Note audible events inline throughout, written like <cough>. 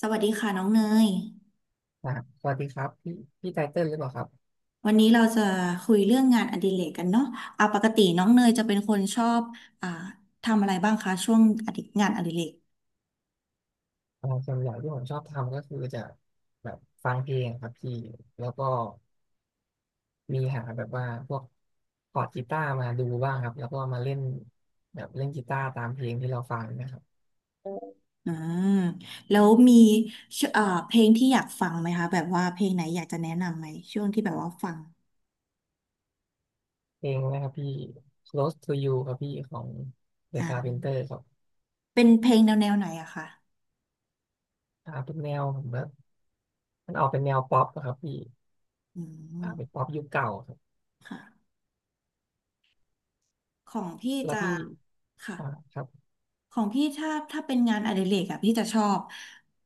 สวัสดีค่ะน้องเนย อ่าสวัสดีครับพี่พี่ไตเติ้ลหรือเปล่าครับวันนี้เราจะคุยเรื่องงานอดิเรกกันเนาะเอาปกติน้องเนยจะเป็นคนชอบอ่าทำอะไรบ้างคะช่วงอดิงานอดิเรกส่วนใหญ่ที่ผมชอบทำก็คือจะแบบฟังเพลงครับพี่แล้วก็มีหาแบบว่าพวกคอร์ดกีตาร์มาดูบ้างครับแล้วก็มาเล่นแบบเล่นกีตาร์ตามเพลงที่เราฟังนะครับอืมแล้วมีชอ่าเพลงที่อยากฟังไหมคะแบบว่าเพลงไหนอยากจะแนะนำไหมช่วงที่แบบว่าฟังเพลงนะครับพี่ Close to You ครับพี่ของ The อ่ Carpenter าครับเป็นเพลงแนวแนวไหนอะคะเป็นแนวผมว่ามันออกเป็นแนวป๊อปอะครับพี่อืเป็นมป๊อปยุคเก่าครับค่ะของพี่แล้วจะพี่ค่ะ อ่าครับของพี่ถ้าถ้าเป็นงานอดิเรกอะพี่จะชอบ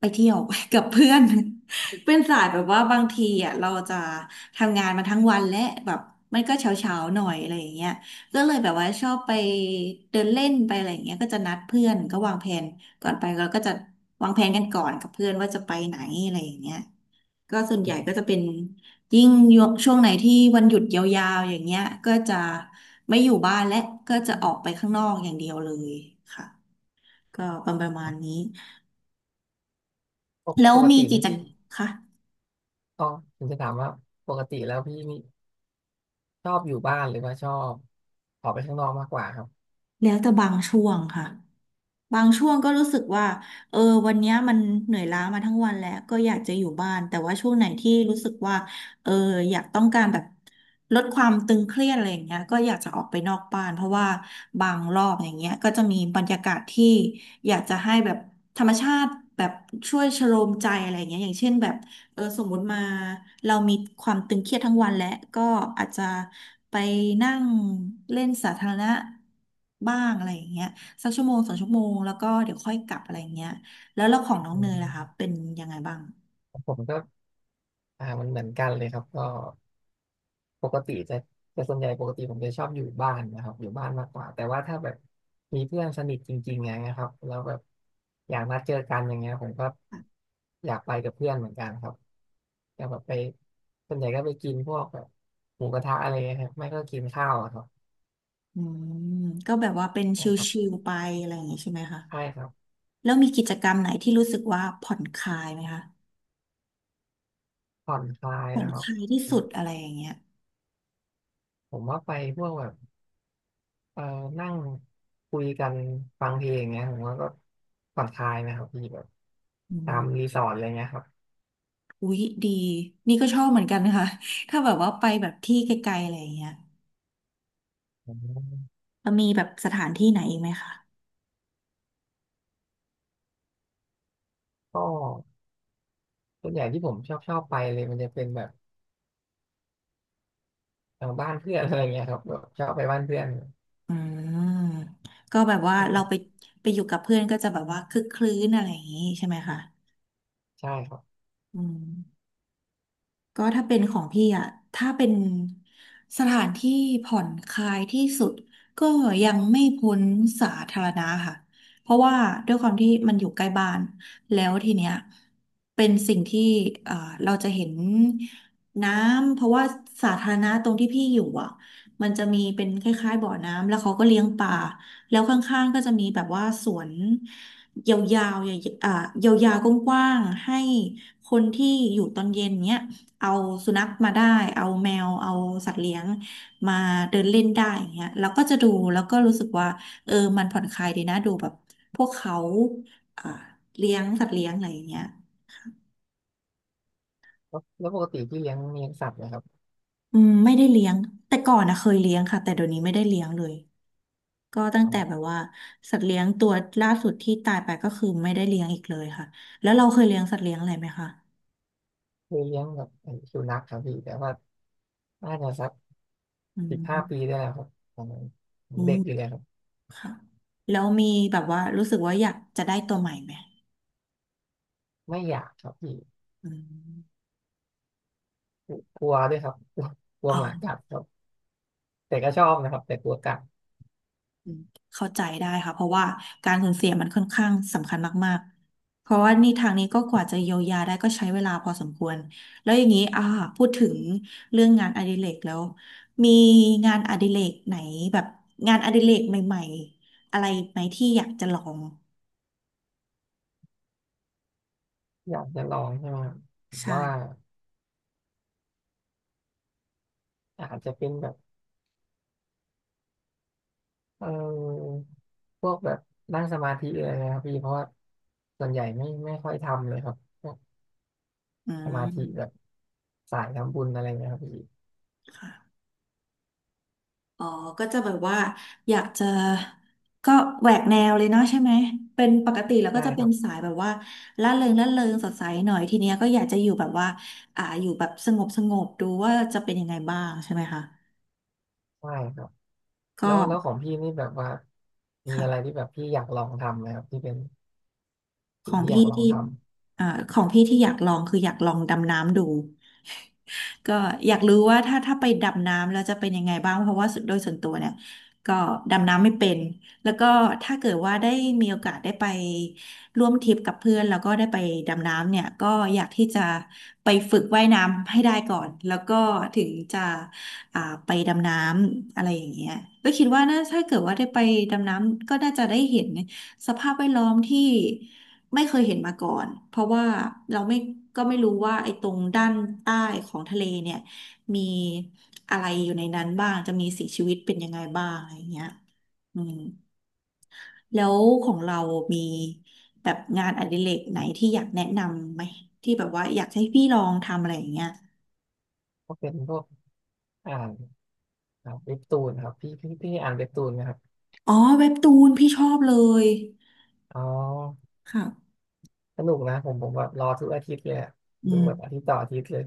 ไปเที่ยว <laughs> กับเพื่อน <laughs> เป็นสายแบบว่าบางทีอะเราจะทำงานมาทั้งวันและแบบมันก็เช้าเช้าหน่อยอะไรอย่างเงี้ยก็เลยแบบว่าชอบไปเดินเล่นไปอะไรอย่างเงี้ยก็จะนัดเพื่อนก็วางแผนก่อนไปเราก็จะวางแผนกันก่อนกับเพื่อนว่าจะไปไหนอะไรอย่างเงี้ยก็ส่วนใหญ่ก็จะเป็นยิ่งช่วงไหนที่วันหยุดยาวๆอย่างเงี้ยก็จะไม่อยู่บ้านและก็จะออกไปข้างนอกอย่างเดียวเลยค่ะ ก็ประมาณนี้ปกแล้ปวกมีติกินี่จกรรพี่มค่ะอ๋อผมจะถามว่าปกติแล้วพี่มี ชอบอยู่บ้านหรือว่าชอบออกไปข้างนอกมากกว่าครับแล้วแต่บางช่วงค่ะ บางช่วงก็รู้สึกว่า เออวันเนี้ยมันเหนื่อยล้ามาทั้งวันแล้วก็อยากจะอยู่บ้าน แต่ว่าช่วงไหนที่รู้สึกว่า เอออยากต้องการแบบลดความตึงเครียดอะไรอย่างเงี้ยก็อยากจะออกไปนอกบ้านเพราะว่าบางรอบอย่างเงี้ยก็จะมีบรรยากาศที่อยากจะให้แบบธรรมชาติแบบช่วยชโลมใจอะไรอย่างเงี้ยอย่างเช่นแบบเออสมมุติมาเรามีความตึงเครียดทั้งวันและก็อาจจะไปนั่งเล่นสาธารณะบ้างอะไรอย่างเงี้ย สักชั่วโมงสองชั่วโมงแล้วก็เดี๋ยวค่อยกลับอะไรเงี้ยแล้วของน้องอืเนยล่ะคะมเป็นยังไงบ้างผมก็มันเหมือนกันเลยครับก็ปกติจะแต่ส่วนใหญ่ปกติผมจะชอบอยู่บ้านนะครับอยู่บ้านมากกว่าแต่ว่าถ้าแบบมีเพื่อนสนิทจริงๆอย่างเงี้ยครับแล้วแบบอยากนัดเจอกันอย่างเงี้ยผมก็อยากไปกับเพื่อนเหมือนกันครับอยากแบบไปส่วนใหญ่ก็ไปกินพวกแบบหมูกระทะอะไรเงี้ยครับไม่ก็กินข้าวอะครับอืมก็แบบว่าเป็นอ๋ชครับิลๆไปอะไรอย่างงี้ใช่ไหมคะใช่ครับแล้วมีกิจกรรมไหนที่รู้สึกว่าผ่อนคลายไหมคะผ่อนคลายผ่อนนะครัคบลายที่สุดอะไรอย่างเงี้ยผมว่าไปพวกแบบ เอ่อนั่งคุยกันฟังเพลงเงี้ยผมว่าก็ผ่อนคลายนะครับพี่แบบอืตามมรีสอร์ทอะไรเงี้ยครับอุ๊ยดีนี่ก็ชอบเหมือนกันนะคะ <laughs> ถ้าแบบว่าไปแบบที่ไกลๆอะไรอย่างเงี้ยอมแล้วมีแบบสถานที่ไหนอีกไหมคะก็ส่วนใหญ่ที่ผมชอบไปเลยมันจะเป็นแบบบ้านเพื่อนอะไรเงี้ยครับแบบชอบไปบ้านเพื่อนอืมก็แบบว่าชอเราบไปไปอยู่กับเพื่อนก็จะแบบว่าคึกคลื้นอะไรอย่างงี้ใช่ไหมคะใช่ครับอืม ก็ถ้าเป็นของพี่อะถ้าเป็นสถานที่ผ่อนคลายที่สุดก็ยังไม่พ้นสาธารณะค่ะ เพราะว่าด้วยความที่มันอยู่ใกล้บ้านแล้วทีเนี้ยเป็นสิ่งที่เอ่อเราจะเห็นน้ำ เพราะว่าสาธารณะตรงที่พี่อยู่อ่ะมันจะมีเป็นคล้ายๆบ่อน้ำ แล้วเขาก็เลี้ยงปลาแล้วข้างๆก็จะมีแบบว่าสวนยาวๆใหญ่ๆยาวๆกว้างๆให้คนที่อยู่ตอนเย็นเนี้ย เอาสุนัขมาได้เอาแมวเอาสัตว์เลี้ยงมาเดินเล่นได้อย่างเงี้ยเราก็จะดูแล้วก็รู้สึกว่าเออมันผ่อนคลายดีนะดูแบบพวกเขาอ่าเลี้ยงสัตว์เลี้ยงอะไรอย่างเงี้ยแล้วแล้วปกติพี่เลี้ยงสัตว์ไหมครับอืมไม่ได้เลี้ยงแต่ก่อนนะเคยเลี้ยงค่ะแต่เดี๋ยวนี้ไม่ได้เลี้ยงเลยก็ตั้งอ๋แต่แบอบว่าสัตว์เลี้ยงตัวล่าสุดที่ตายไปก็คือไม่ได้เลี้ยงอีกเลยค่ะแล้วเราเคยเลี้ยงสัตว์เลี้ยงอะไรไหมคะเคยเลี้ยงแบบไอ้สุนัขครับพี่แต่ว่าน่าจะสักอื15 ปีมได้แล้วครับตอนนั้นอืเด็มกอยู่เลยครับค่ะแล้วมีแบบว่ารู้สึกว่าอยากจะได้ตัวใหม่ไหมไม่อยากครับพี่อืมกลัวด้วยครับกลัวกลัวอ๋อ หมากัดครับแต่ก็ชอบนะครับแต่กลัวกัด อืมเข้าใจได้ค่ะเพราะว่าการสูญเสียมันค่อนข้างสำคัญมากๆเพราะว่านี่ทางนี้ก็กว่าจะเยียวยาได้ก็ใช้เวลาพอสมควรแล้วอย่างนี้พูดถึงเรื่องงานอดิเรกแล้วมีงานอดิเรกไหนแบบงานอดิเรกใหม่ๆอะไรไหมที่อยากจะลองอยากจะลองใช่ไหมครับผมว่าใช่อาจจะเป็นแบบเออพวกแบบนั่งสมาธิอะไรนะครับพี่เพราะว่าส่วนใหญ่ไม่ค่อยทำเลยครับพวกอืสมาธิแบมบสายทำบุญอะไรเงี้ยครับพี่ค่ะ อ๋อ ก็จะแบบว่าอยากจะก็แหวกแนวเลยเนาะใช่ไหม เป็นปกติแล้วก็ใช่จะคเป็รันบสายแบบว่าล่าเริงล่าเริงสดใสหน่อยทีเนี้ยก็อยากจะอยู่แบบว่าอยู่แบบสงบสงบดูว่าจะเป็นยังไงบ้างใช่ไหมคะใช่ครับก็แล้วแล้วของพี่นี่แบบว่ามีอะไรค่ะที่แบบพี่อยากลองทำไหมครับที่เป็นขสิ่งองที่อยาพี่กลองที่ทอ่าของพี่ที่อยากลองคืออยากลองดำน้ำดู ก็อยากรู้ว่าถ้าถ้าไปดำน้ำแล้วจะเป็นยังไงบ้างเพราะว่าสุดโดยส่วนตัวเนี่ยก็ดำน้ำไม่เป็นแล้วก็ถ้าเกิดว่าได้มีโอกาสได้ไปร่วมทริปกับเพื่อนแล้วก็ได้ไปดำน้ำเนี่ยก็อยากที่จะไปฝึกว่ายน้ำให้ได้ก่อนแล้วก็ถึงจะอ่าไปดำน้ำอะไรอย่างเงี้ยก็คิดว่าน่าถ้าเกิดว่าได้ไปดำน้ำก็น่าจะได้เห็น สภาพแวดล้อมที่ไม่เคยเห็นมาก่อน เพราะว่าเราไม่ก็ไม่รู้ว่าไอ้ตรงด้านใต้ของทะเลเนี่ยมีอะไรอยู่ในนั้นบ้างจะมีสิ่งชีวิตเป็นยังไงบ้างอะไรอย่างเงี้ยอืมแล้วของเรามีแบบงานอดิเรกไหนที่อยากแนะนำไหมที่แบบว่าอยากให้พี่ลองทำอะไรอย่างเงี้ยำก็เป็นพวกอ่านเว็บตูนครับพี่พี่อ่านเว็บตูนไหมครับอ๋อเว็บตูนพี่ชอบเลยอ๋อค่ะสนุกนะผมแบบรอทุกอาทิตย์เลยอะอืดูมแบบอาทิตย์ต่ออาทิตย์เลย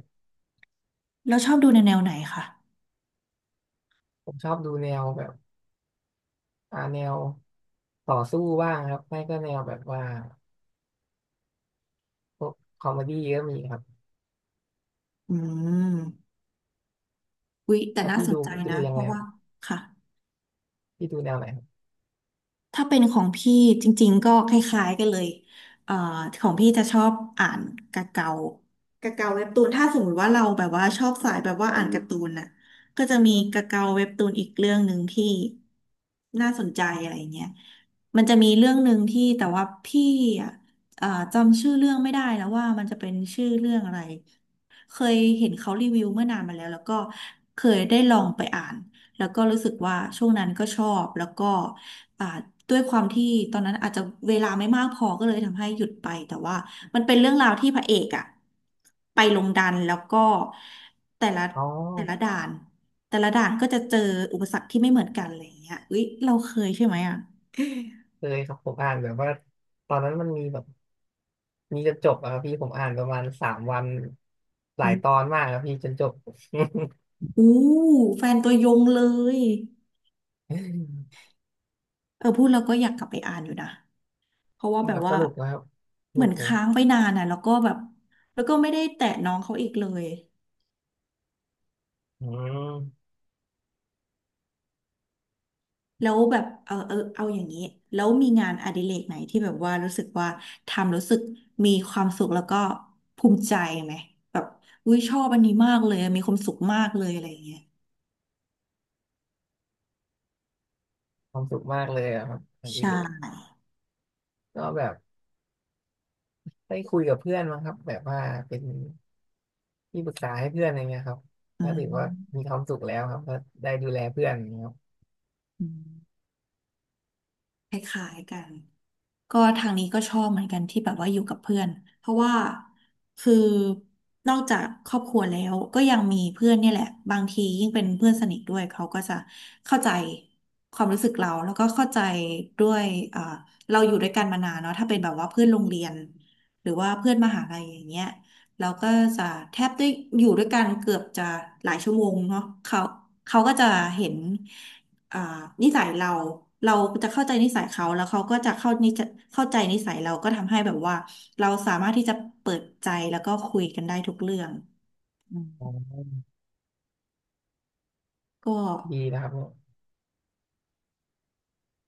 แล้วชอบดูในแนวไหนคะผมชอบดูแนวแบบแนวต่อสู้บ้างครับไม่ก็แนวแบบว่าพวกคอมเมดี้ก็มีครับอืมอุ๊ยแต่แล้วน่าพี่สดูนใจนะยังเพไงราะครัว่าบค่ะ พี่ดูแนวไหนครับถ้าเป็นของพี่จริงๆก็คล้ายๆกันเลยเอ่อของพี่จะชอบอ่านกะเกากะเกาเว็บตูนถ้าสมมติว่าเราแบบว่าชอบสายแบบว่าอ่านการ์ตูนน่ะก็จะมีกาเกาเว็บตูนอีกเรื่องหนึ่งที่น่าสนใจอะไรเงี้ยมันจะมีเรื่องหนึ่งที่แต่ว่าพี่อ่ะเอ่อจำชื่อเรื่องไม่ได้แล้วว่ามันจะเป็นชื่อเรื่องอะไรเคยเห็นเขารีวิวเมื่อนานมาแล้วแล้วก็เคยได้ลองไปอ่านแล้วก็รู้สึกว่าช่วงนั้นก็ชอบแล้วก็ อ่าด้วยความที่ตอนนั้นอาจจะเวลาไม่มากพอก็เลยทำให้หยุดไปแต่ว่ามันเป็นเรื่องราวที่พระเอกอะไปลงดันแล้วก็แต่ละอ๋อแต่ละด่านแต่ละด่านก็จะเจออุปสรรคที่ไม่เหมือนกันอะไรอย่างเงี้ยอุ๊ยเราเคยใช่ไหมอะเคยครับผมอ่านแบบว่าตอนนั้นมันมีแบบมีจนจบอะครับพี่ผมอ่านประมาณสามวันหอืลายม ตอนมากครับพี่จนจบ <laughs> อู้แฟนตัวยงเลยเออพูดแล้วก็อยากกลับไปอ่านอยู่นะเพราะว่า <laughs> แบคบรับสว่านุกนะครับสเหมืนุอนกเลยค้างไปนานอ่ะแล้วก็แบบแล้วก็ไม่ได้แตะน้องเขาอีกเลย อืมแล้วแบบเอาเออเอาอย่างนี้แล้วมีงานอดิเรกไหนที่แบบว่ารู้สึกว่าทำรู้สึกมีความสุขแล้วก็ภูมิใจไหมแบบอุ้ยชอบอันนี้มากเลยมีความสุขมากเลยอะไรอย่างเงี้ยความสุขมากเลยอะครับอันใชนี้เลย่ก็แบบได้คุยกับเพื่อนมั้งครับแบบว่าเป็น ที่ปรึกษาให้เพื่อนอะไรเงี้ยครับอืก็ถือว่ามีมความสุขแล้วครับก็ได้ดูแลเพื่อนอย่างเงี้ยครับอืมคล้ายๆกัน ก็ทางนี้ก็ชอบเหมือนกันที่แบบว่าอยู่กับเพื่อนเพราะว่าคือนอกจากครอบครัวแล้วก็ยังมีเพื่อนเนี่ยแหละบางทียิ่งเป็นเพื่อนสนิทด้วยเขาก็จะเข้าใจความรู้สึกเราแล้วก็เข้าใจด้วยอ่าเราอยู่ด้วยกันมานานเนาะถ้าเป็นแบบว่าเพื่อนโรงเรียนหรือว่าเพื่อนมหาลัยอย่างเงี้ยเราก็จะแทบได้อยู่ด้วยกันเกือบจะหลายชั่วโมงเนาะเขาก็จะเห็น อ่านิสัยเราเราจะเข้าใจนิสัยเขาแล้วเขาก็จะเข้าใจนิสัยเราก็ทำให้แบบว่าเราสามารถที่จะเปิดใจแล้วก็คุยกันได้ทุกเรื่องอืมอ๋อก็ดีนะครับเนี่ย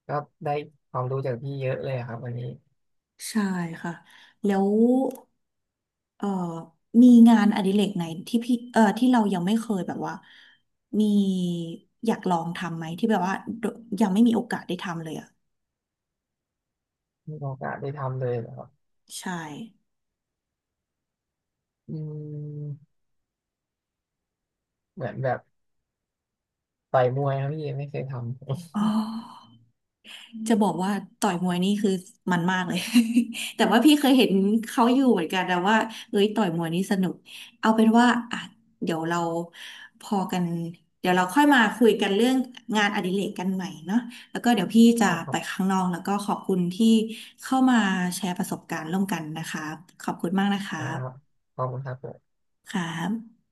ก็ได้ความรู้จากพี่เยอะเลยอะครับวันนี้ใช่ค่ะแล้วเอ่อมีงานอดิเรกไหนที่พี่ที่เรายังไม่เคยแบบว่ามีอยากลองทำไหมที่แบบว่ายังไม่มีโอกาสได้ทำเลยอ่ะมีโอกาสได้ทำเลยเหรอครับใช่อืมเหมือนแบบต่อยมวยครับพี่ไม่เคยทำ อ๋อ จะบอกว่าต่อยมวยนี่คือมันมากเลย <laughs> แต่ว่าพี่เคยเห็นเขาอยู่เหมือนกันแต่ว่าเอ้ยต่อยมวยนี่สนุกเอาเป็นว่าอ่ะเดี๋ยวเราพอกันเดี๋ยวเราค่อยมาคุยกันเรื่องงานอดิเรกกันใหม่เนาะแล้วก็เดี๋ยวพี่ <laughs> อ๋จะอคไปรับข้างนอกแล้วก็ขอบคุณที่เข้ามาแชร์ประสบการณ์ร่วมกันนะคะขอบคุณมากนะคนะครับะขอบคุณครับผมครับ